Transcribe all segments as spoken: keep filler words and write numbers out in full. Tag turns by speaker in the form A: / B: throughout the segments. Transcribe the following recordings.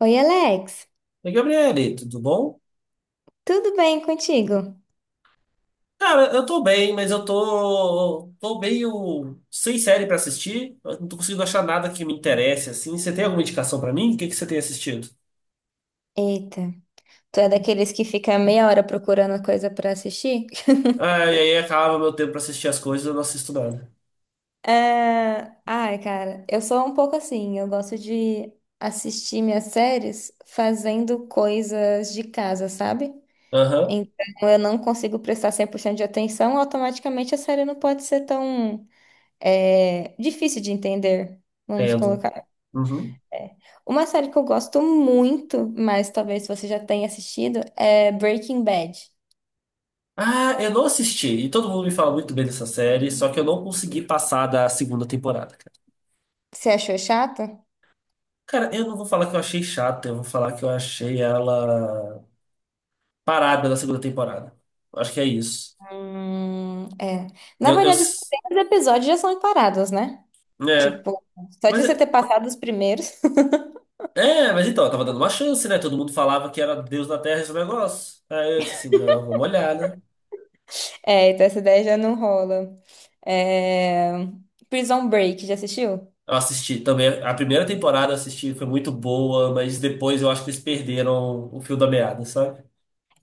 A: Oi, Alex,
B: Oi, Gabriele, tudo bom?
A: tudo bem contigo?
B: Cara, eu tô bem, mas eu tô, tô meio sem série pra assistir. Eu não tô conseguindo achar nada que me interesse, assim. Você tem alguma indicação pra mim? O que que você tem assistido?
A: Eita, tu é daqueles que fica meia hora procurando coisa pra assistir?
B: Ah, e aí acaba meu tempo pra assistir as coisas, eu não assisto nada.
A: É, ai, cara, eu sou um pouco assim, eu gosto de assistir minhas séries fazendo coisas de casa, sabe?
B: Aham,
A: Então eu não consigo prestar cem por cento de atenção, automaticamente a série não pode ser tão é, difícil de entender, vamos
B: entendo.
A: colocar.
B: Uhum.
A: É. Uma série que eu gosto muito, mas talvez você já tenha assistido, é Breaking Bad.
B: Ah, eu não assisti. E todo mundo me fala muito bem dessa série, só que eu não consegui passar da segunda temporada, cara.
A: Você achou chato?
B: Cara, eu não vou falar que eu achei chata, eu vou falar que eu achei ela parada na segunda temporada. Acho que é isso.
A: Hum, é. Na
B: Eu, eu-
A: verdade, os primeiros episódios já são encarados, né?
B: É.
A: Tipo, só
B: Mas
A: de você
B: é,
A: ter passado os primeiros.
B: é, mas então, eu tava dando uma chance, né? Todo mundo falava que era Deus da Terra esse negócio. Aí eu disse assim, não, vamos olhar, né?
A: É, então essa ideia já não rola. É... Prison Break, já assistiu?
B: Eu assisti também, a primeira temporada eu assisti, foi muito boa, mas depois eu acho que eles perderam o fio da meada, sabe?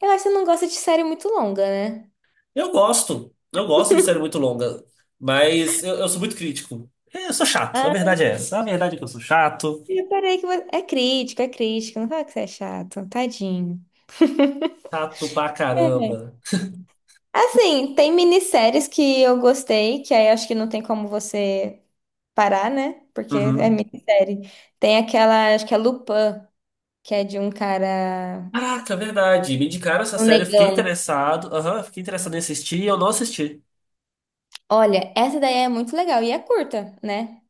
A: Eu acho que você não gosta de série muito longa, né?
B: Eu gosto, eu gosto de série muito longa, mas eu, eu sou muito crítico. É, eu sou chato, a
A: Ah,
B: verdade é essa. A verdade é que eu sou chato,
A: eu reparei que você... É crítico, é crítico. Não fala que você é chato. Tadinho.
B: chato pra caramba.
A: É, assim, tem minisséries que eu gostei, que aí acho que não tem como você parar, né? Porque é
B: Uhum.
A: minissérie. Tem aquela, acho que é Lupin, que é de um cara,
B: Caraca, é verdade. Me indicaram essa
A: um
B: série, eu fiquei
A: negão.
B: interessado. Aham, eu fiquei interessado em assistir e eu não assisti.
A: Olha, essa daí é muito legal e é curta, né?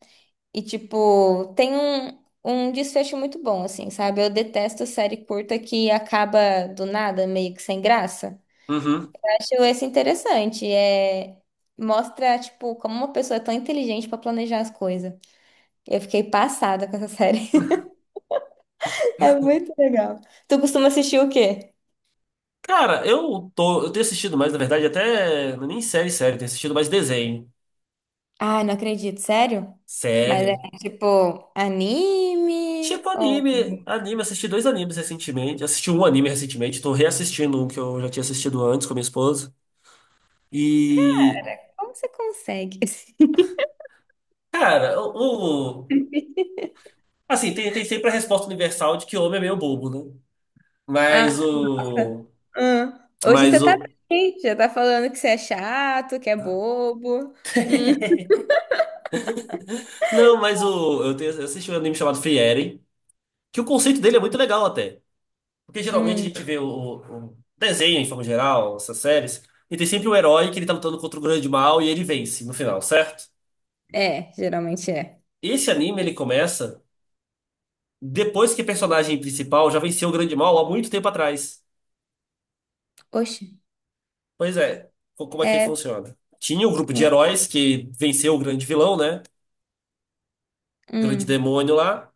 A: E tipo, tem um, um desfecho muito bom, assim, sabe? Eu detesto série curta que acaba do nada, meio que sem graça.
B: Uhum.
A: Eu acho esse interessante. É, mostra, tipo, como uma pessoa é tão inteligente pra planejar as coisas. Eu fiquei passada com essa série. É muito legal. Tu costuma assistir o quê?
B: Cara, eu tô, eu tenho assistido mais, na verdade, até não é nem série, série, tenho assistido mais desenho.
A: Ah, não acredito, sério? Mas é
B: Sério.
A: tipo anime
B: Tipo
A: ou
B: anime, anime, assisti dois animes recentemente, assisti um anime recentemente, tô reassistindo um que eu já tinha assistido antes com a minha esposa. E,
A: como você consegue?
B: cara, o, o- assim, tem, tem sempre a resposta universal de que homem é meio bobo, né?
A: Ah,
B: Mas o
A: hum. Hoje você
B: mas
A: tá
B: o
A: bem, já tá falando que você é chato, que é bobo. Hum,
B: não, mas o eu, tenho, eu assisti um anime chamado Free Eren, que o conceito dele é muito legal até. Porque geralmente a
A: hum.
B: gente vê o, o desenho, em forma geral, essas séries, e tem sempre o herói que ele tá lutando contra o grande mal e ele vence no final, certo?
A: É, geralmente é.
B: Esse anime ele começa depois que o personagem principal já venceu o grande mal há muito tempo atrás.
A: Oxe,
B: Pois é, co- como é que
A: é.
B: funciona? Tinha um grupo de
A: Hum,
B: heróis que venceu o grande vilão, né? O grande
A: hum.
B: demônio lá.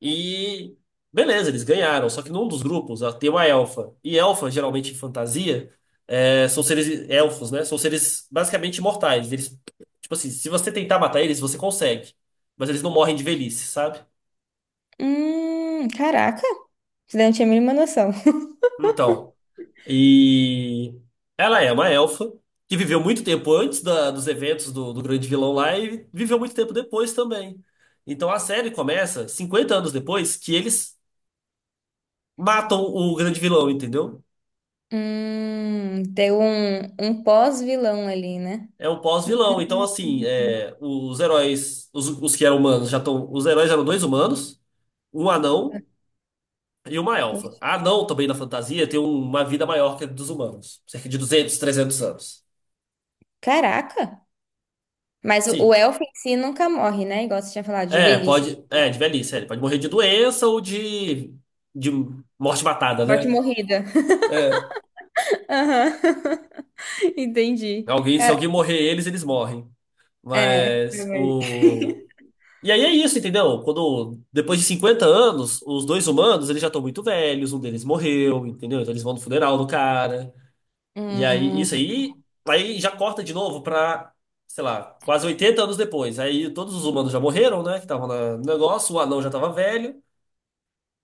B: E beleza, eles ganharam. Só que num dos grupos ó, tem uma elfa. E elfa, geralmente em fantasia, é, são seres elfos, né? São seres basicamente imortais. Eles, tipo assim, se você tentar matar eles, você consegue. Mas eles não morrem de velhice, sabe?
A: Hum, caraca, você não tinha a mínima noção.
B: Então, e ela é uma elfa que viveu muito tempo antes da- dos eventos do, do grande vilão lá e viveu muito tempo depois também. Então a série começa cinquenta anos depois que eles matam o grande vilão, entendeu?
A: Hum, tem um, um pós-vilão ali, né?
B: É um pós-vilão. Então, assim, é, os heróis, os, os que eram humanos, já estão. Os heróis eram dois humanos, um anão e uma
A: Uhum.
B: elfa. A anão, também na fantasia, tem um, uma vida maior que a dos humanos, cerca de duzentos, trezentos anos.
A: Caraca! Mas o o
B: Sim.
A: elfo em si nunca morre, né? Igual você tinha falado, de
B: É,
A: velhice.
B: pode. É, de velhice, é, ele pode morrer de doença ou de, de morte matada,
A: Morte
B: né?
A: morrida.
B: É,
A: Aham. Entendi.
B: alguém, se
A: Cara,
B: alguém morrer, eles, eles morrem.
A: é.
B: Mas o, e aí é isso, entendeu? Quando, depois de cinquenta anos, os dois humanos, eles já estão muito velhos, um deles morreu, entendeu? Então eles vão no funeral do cara. E aí, isso
A: Hum.
B: aí, aí já corta de novo pra, sei lá, quase oitenta anos depois. Aí todos os humanos já morreram, né? Que estavam na- no negócio, o anão já tava velho.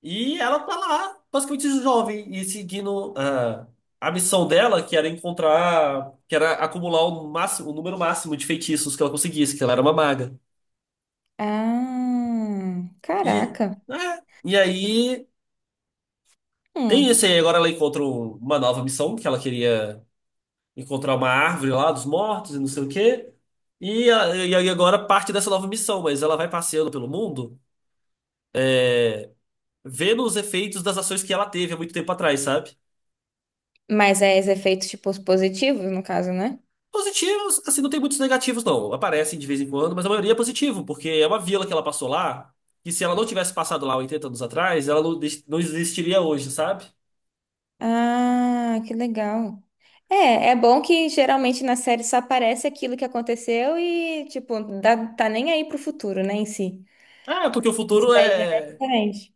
B: E ela tá lá, basicamente jovem, e seguindo a, a missão dela, que era encontrar, que era acumular o máximo, o número máximo de feitiços que ela conseguisse, que ela era uma maga.
A: Ah,
B: E,
A: caraca.
B: é, e aí tem
A: Hum.
B: esse aí, agora ela encontra um- uma nova missão, que ela queria encontrar uma árvore lá dos mortos e não sei o quê. E, a- e aí agora parte dessa nova missão, mas ela vai passeando pelo mundo, é, vendo os efeitos das ações que ela teve há muito tempo atrás, sabe?
A: Mas é os efeitos, tipo, os positivos, no caso, né?
B: Positivos, assim, não tem muitos negativos, não. Aparecem de vez em quando, mas a maioria é positivo, porque é uma vila que ela passou lá, que se ela não tivesse passado lá oitenta anos atrás, ela não, des- não existiria hoje, sabe?
A: Ah, que legal. É, é bom que geralmente na série só aparece aquilo que aconteceu e, tipo, dá- tá nem aí pro futuro, né, em si.
B: Ah, porque o
A: Isso
B: futuro
A: daí já é
B: é
A: diferente.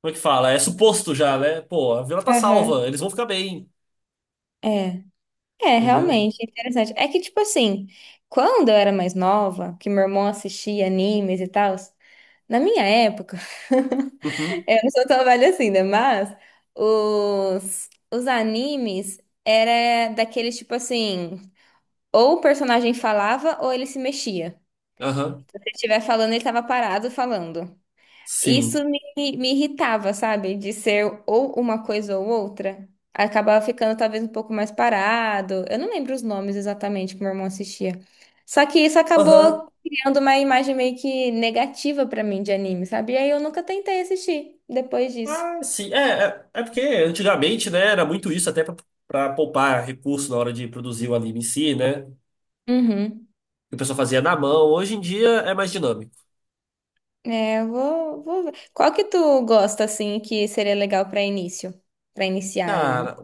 B: como é que fala? É suposto já, né? Pô, a vila tá
A: Aham.
B: salva, eles vão ficar bem,
A: É. É,
B: entendeu?
A: realmente, interessante. É que, tipo assim, quando eu era mais nova, que meu irmão assistia animes e tal, na minha época,
B: Uhum,
A: eu não sou tão velha assim, né? Mas os, os animes era daqueles, tipo assim, ou o personagem falava ou ele se mexia.
B: aham,
A: Se ele estiver falando, ele tava parado falando.
B: sim.
A: Isso me, Me irritava, sabe? De ser ou uma coisa ou outra. Acabava ficando talvez um pouco mais parado. Eu não lembro os nomes exatamente que meu irmão assistia. Só que isso
B: Aham.
A: acabou criando uma imagem meio que negativa pra mim de anime, sabe? E aí eu nunca tentei assistir depois disso.
B: Ah, sim. É, é, é porque antigamente, né, era muito isso, até pra, pra poupar recurso na hora de produzir o anime em si, né?
A: Uhum.
B: Que o pessoal fazia na mão. Hoje em dia é mais dinâmico.
A: É, eu vou, vou ver. Qual que tu gosta, assim, que seria legal pra início? Pra iniciar
B: Cara,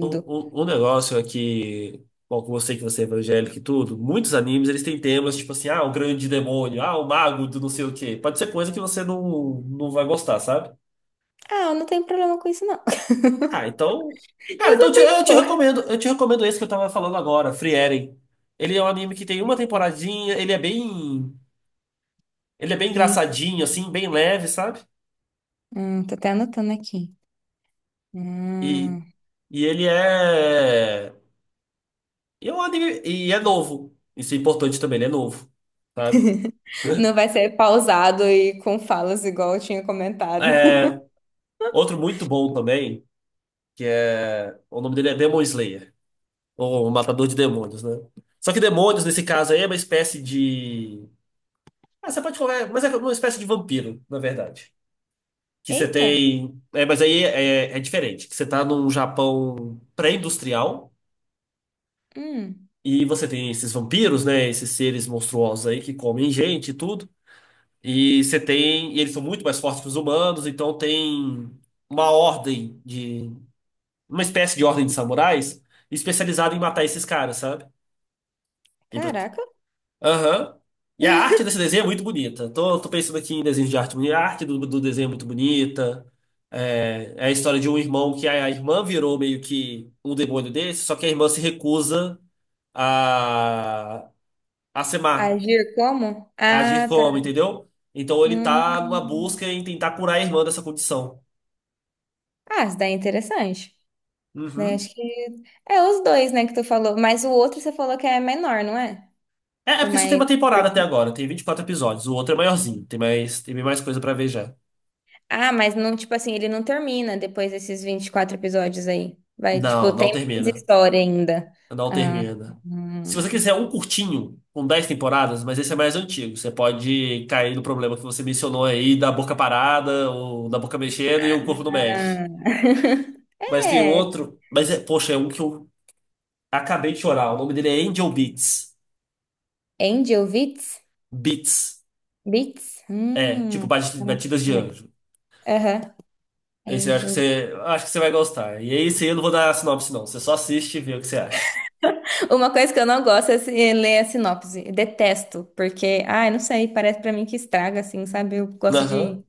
B: um, um, um negócio é que, bom, com você que você é evangélico e tudo, muitos animes eles têm temas tipo assim, ah, o grande demônio, ah, o mago do não sei o quê. Pode ser coisa que você não, não vai gostar, sabe?
A: Ah, eu não tenho problema com isso, não.
B: Ah, então. Cara,
A: Eu
B: então eu
A: sou
B: te,
A: bem de
B: eu te
A: boa.
B: recomendo. Eu te recomendo esse que eu tava falando agora, Free Eren. Ele é um anime que tem uma temporadinha, ele é bem. Ele é bem
A: Pri-
B: engraçadinho, assim, bem leve, sabe?
A: Hum, tô até anotando aqui.
B: E,
A: Hum.
B: e ele é. E é um anime. E é novo. Isso é importante também, ele é novo, sabe?
A: Não vai ser pausado e com falas igual eu tinha comentado.
B: É, outro muito bom também, que é. O nome dele é Demon Slayer, ou Matador de Demônios, né? Só que demônios, nesse caso aí, é uma espécie de. Ah, você pode falar, mas é uma espécie de vampiro, na verdade. Que você
A: Eita!
B: tem. É, mas aí é, é diferente. Que você tá num Japão pré-industrial
A: Hum.
B: e você tem esses vampiros, né? Esses seres monstruosos aí que comem gente e tudo. E você tem. E eles são muito mais fortes que os humanos, então tem uma ordem de. Uma espécie de ordem de samurais especializada em matar esses caras, sabe?
A: Caraca!
B: Aham. E a arte desse desenho é muito bonita. Tô, tô pensando aqui em desenhos de arte bonita. A arte do, do desenho é muito bonita. É, é a história de um irmão que a, a irmã virou meio que um demônio desse, só que a irmã se recusa a, a ser má,
A: Agir como?
B: a agir
A: Ah, tá.
B: como, entendeu? Então ele tá numa
A: Hum.
B: busca em tentar curar a irmã dessa condição.
A: Ah, isso daí é interessante. Daí
B: Uhum.
A: acho que... É os dois, né, que tu falou. Mas o outro você falou que é menor, não é?
B: É, é
A: O
B: porque só tem
A: mais
B: uma temporada até
A: curtinho.
B: agora, tem vinte e quatro episódios. O outro é maiorzinho, tem mais, tem mais coisa pra ver já.
A: Ah, mas não, tipo assim, ele não termina depois desses vinte e quatro episódios aí. Vai, tipo,
B: Não,
A: tem
B: não
A: mais
B: termina.
A: história ainda.
B: Não
A: Ah,
B: termina. Se você
A: hum.
B: quiser um curtinho, com dez temporadas, mas esse é mais antigo, você pode cair no problema que você mencionou aí, da boca parada, ou da boca mexendo e o corpo não mexe. Mas tem
A: É.
B: outro, mas é, poxa, é um que eu acabei de chorar. O nome dele é Angel Beats.
A: Angel Witz?
B: Beats.
A: Beats?
B: É, tipo
A: Hum,
B: bat-
A: anotei
B: batidas de
A: também.
B: anjo.
A: Aham.
B: Esse eu acho que
A: Angel.
B: você, eu acho que você vai gostar. E esse eu não vou dar sinopse, não. Você só assiste e vê o que você acha.
A: Uma coisa que eu não gosto é se- é ler a sinopse. Eu detesto, porque, ai, não sei, parece pra mim que estraga, assim, sabe? Eu gosto
B: Aham,
A: de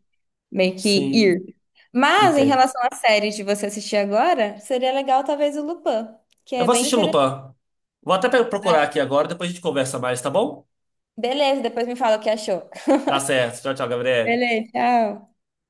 A: meio que
B: sim,
A: ir. Mas, em
B: entendo.
A: relação à série de você assistir agora, seria legal talvez o Lupin, que
B: Eu
A: é
B: vou
A: bem
B: assistir Lupin.
A: interessante.
B: Vou até pe- procurar aqui agora, depois a gente conversa mais, tá bom?
A: Beleza, depois me fala o que achou.
B: Tá certo. Tchau, tchau, Gabriel.
A: Beleza, tchau.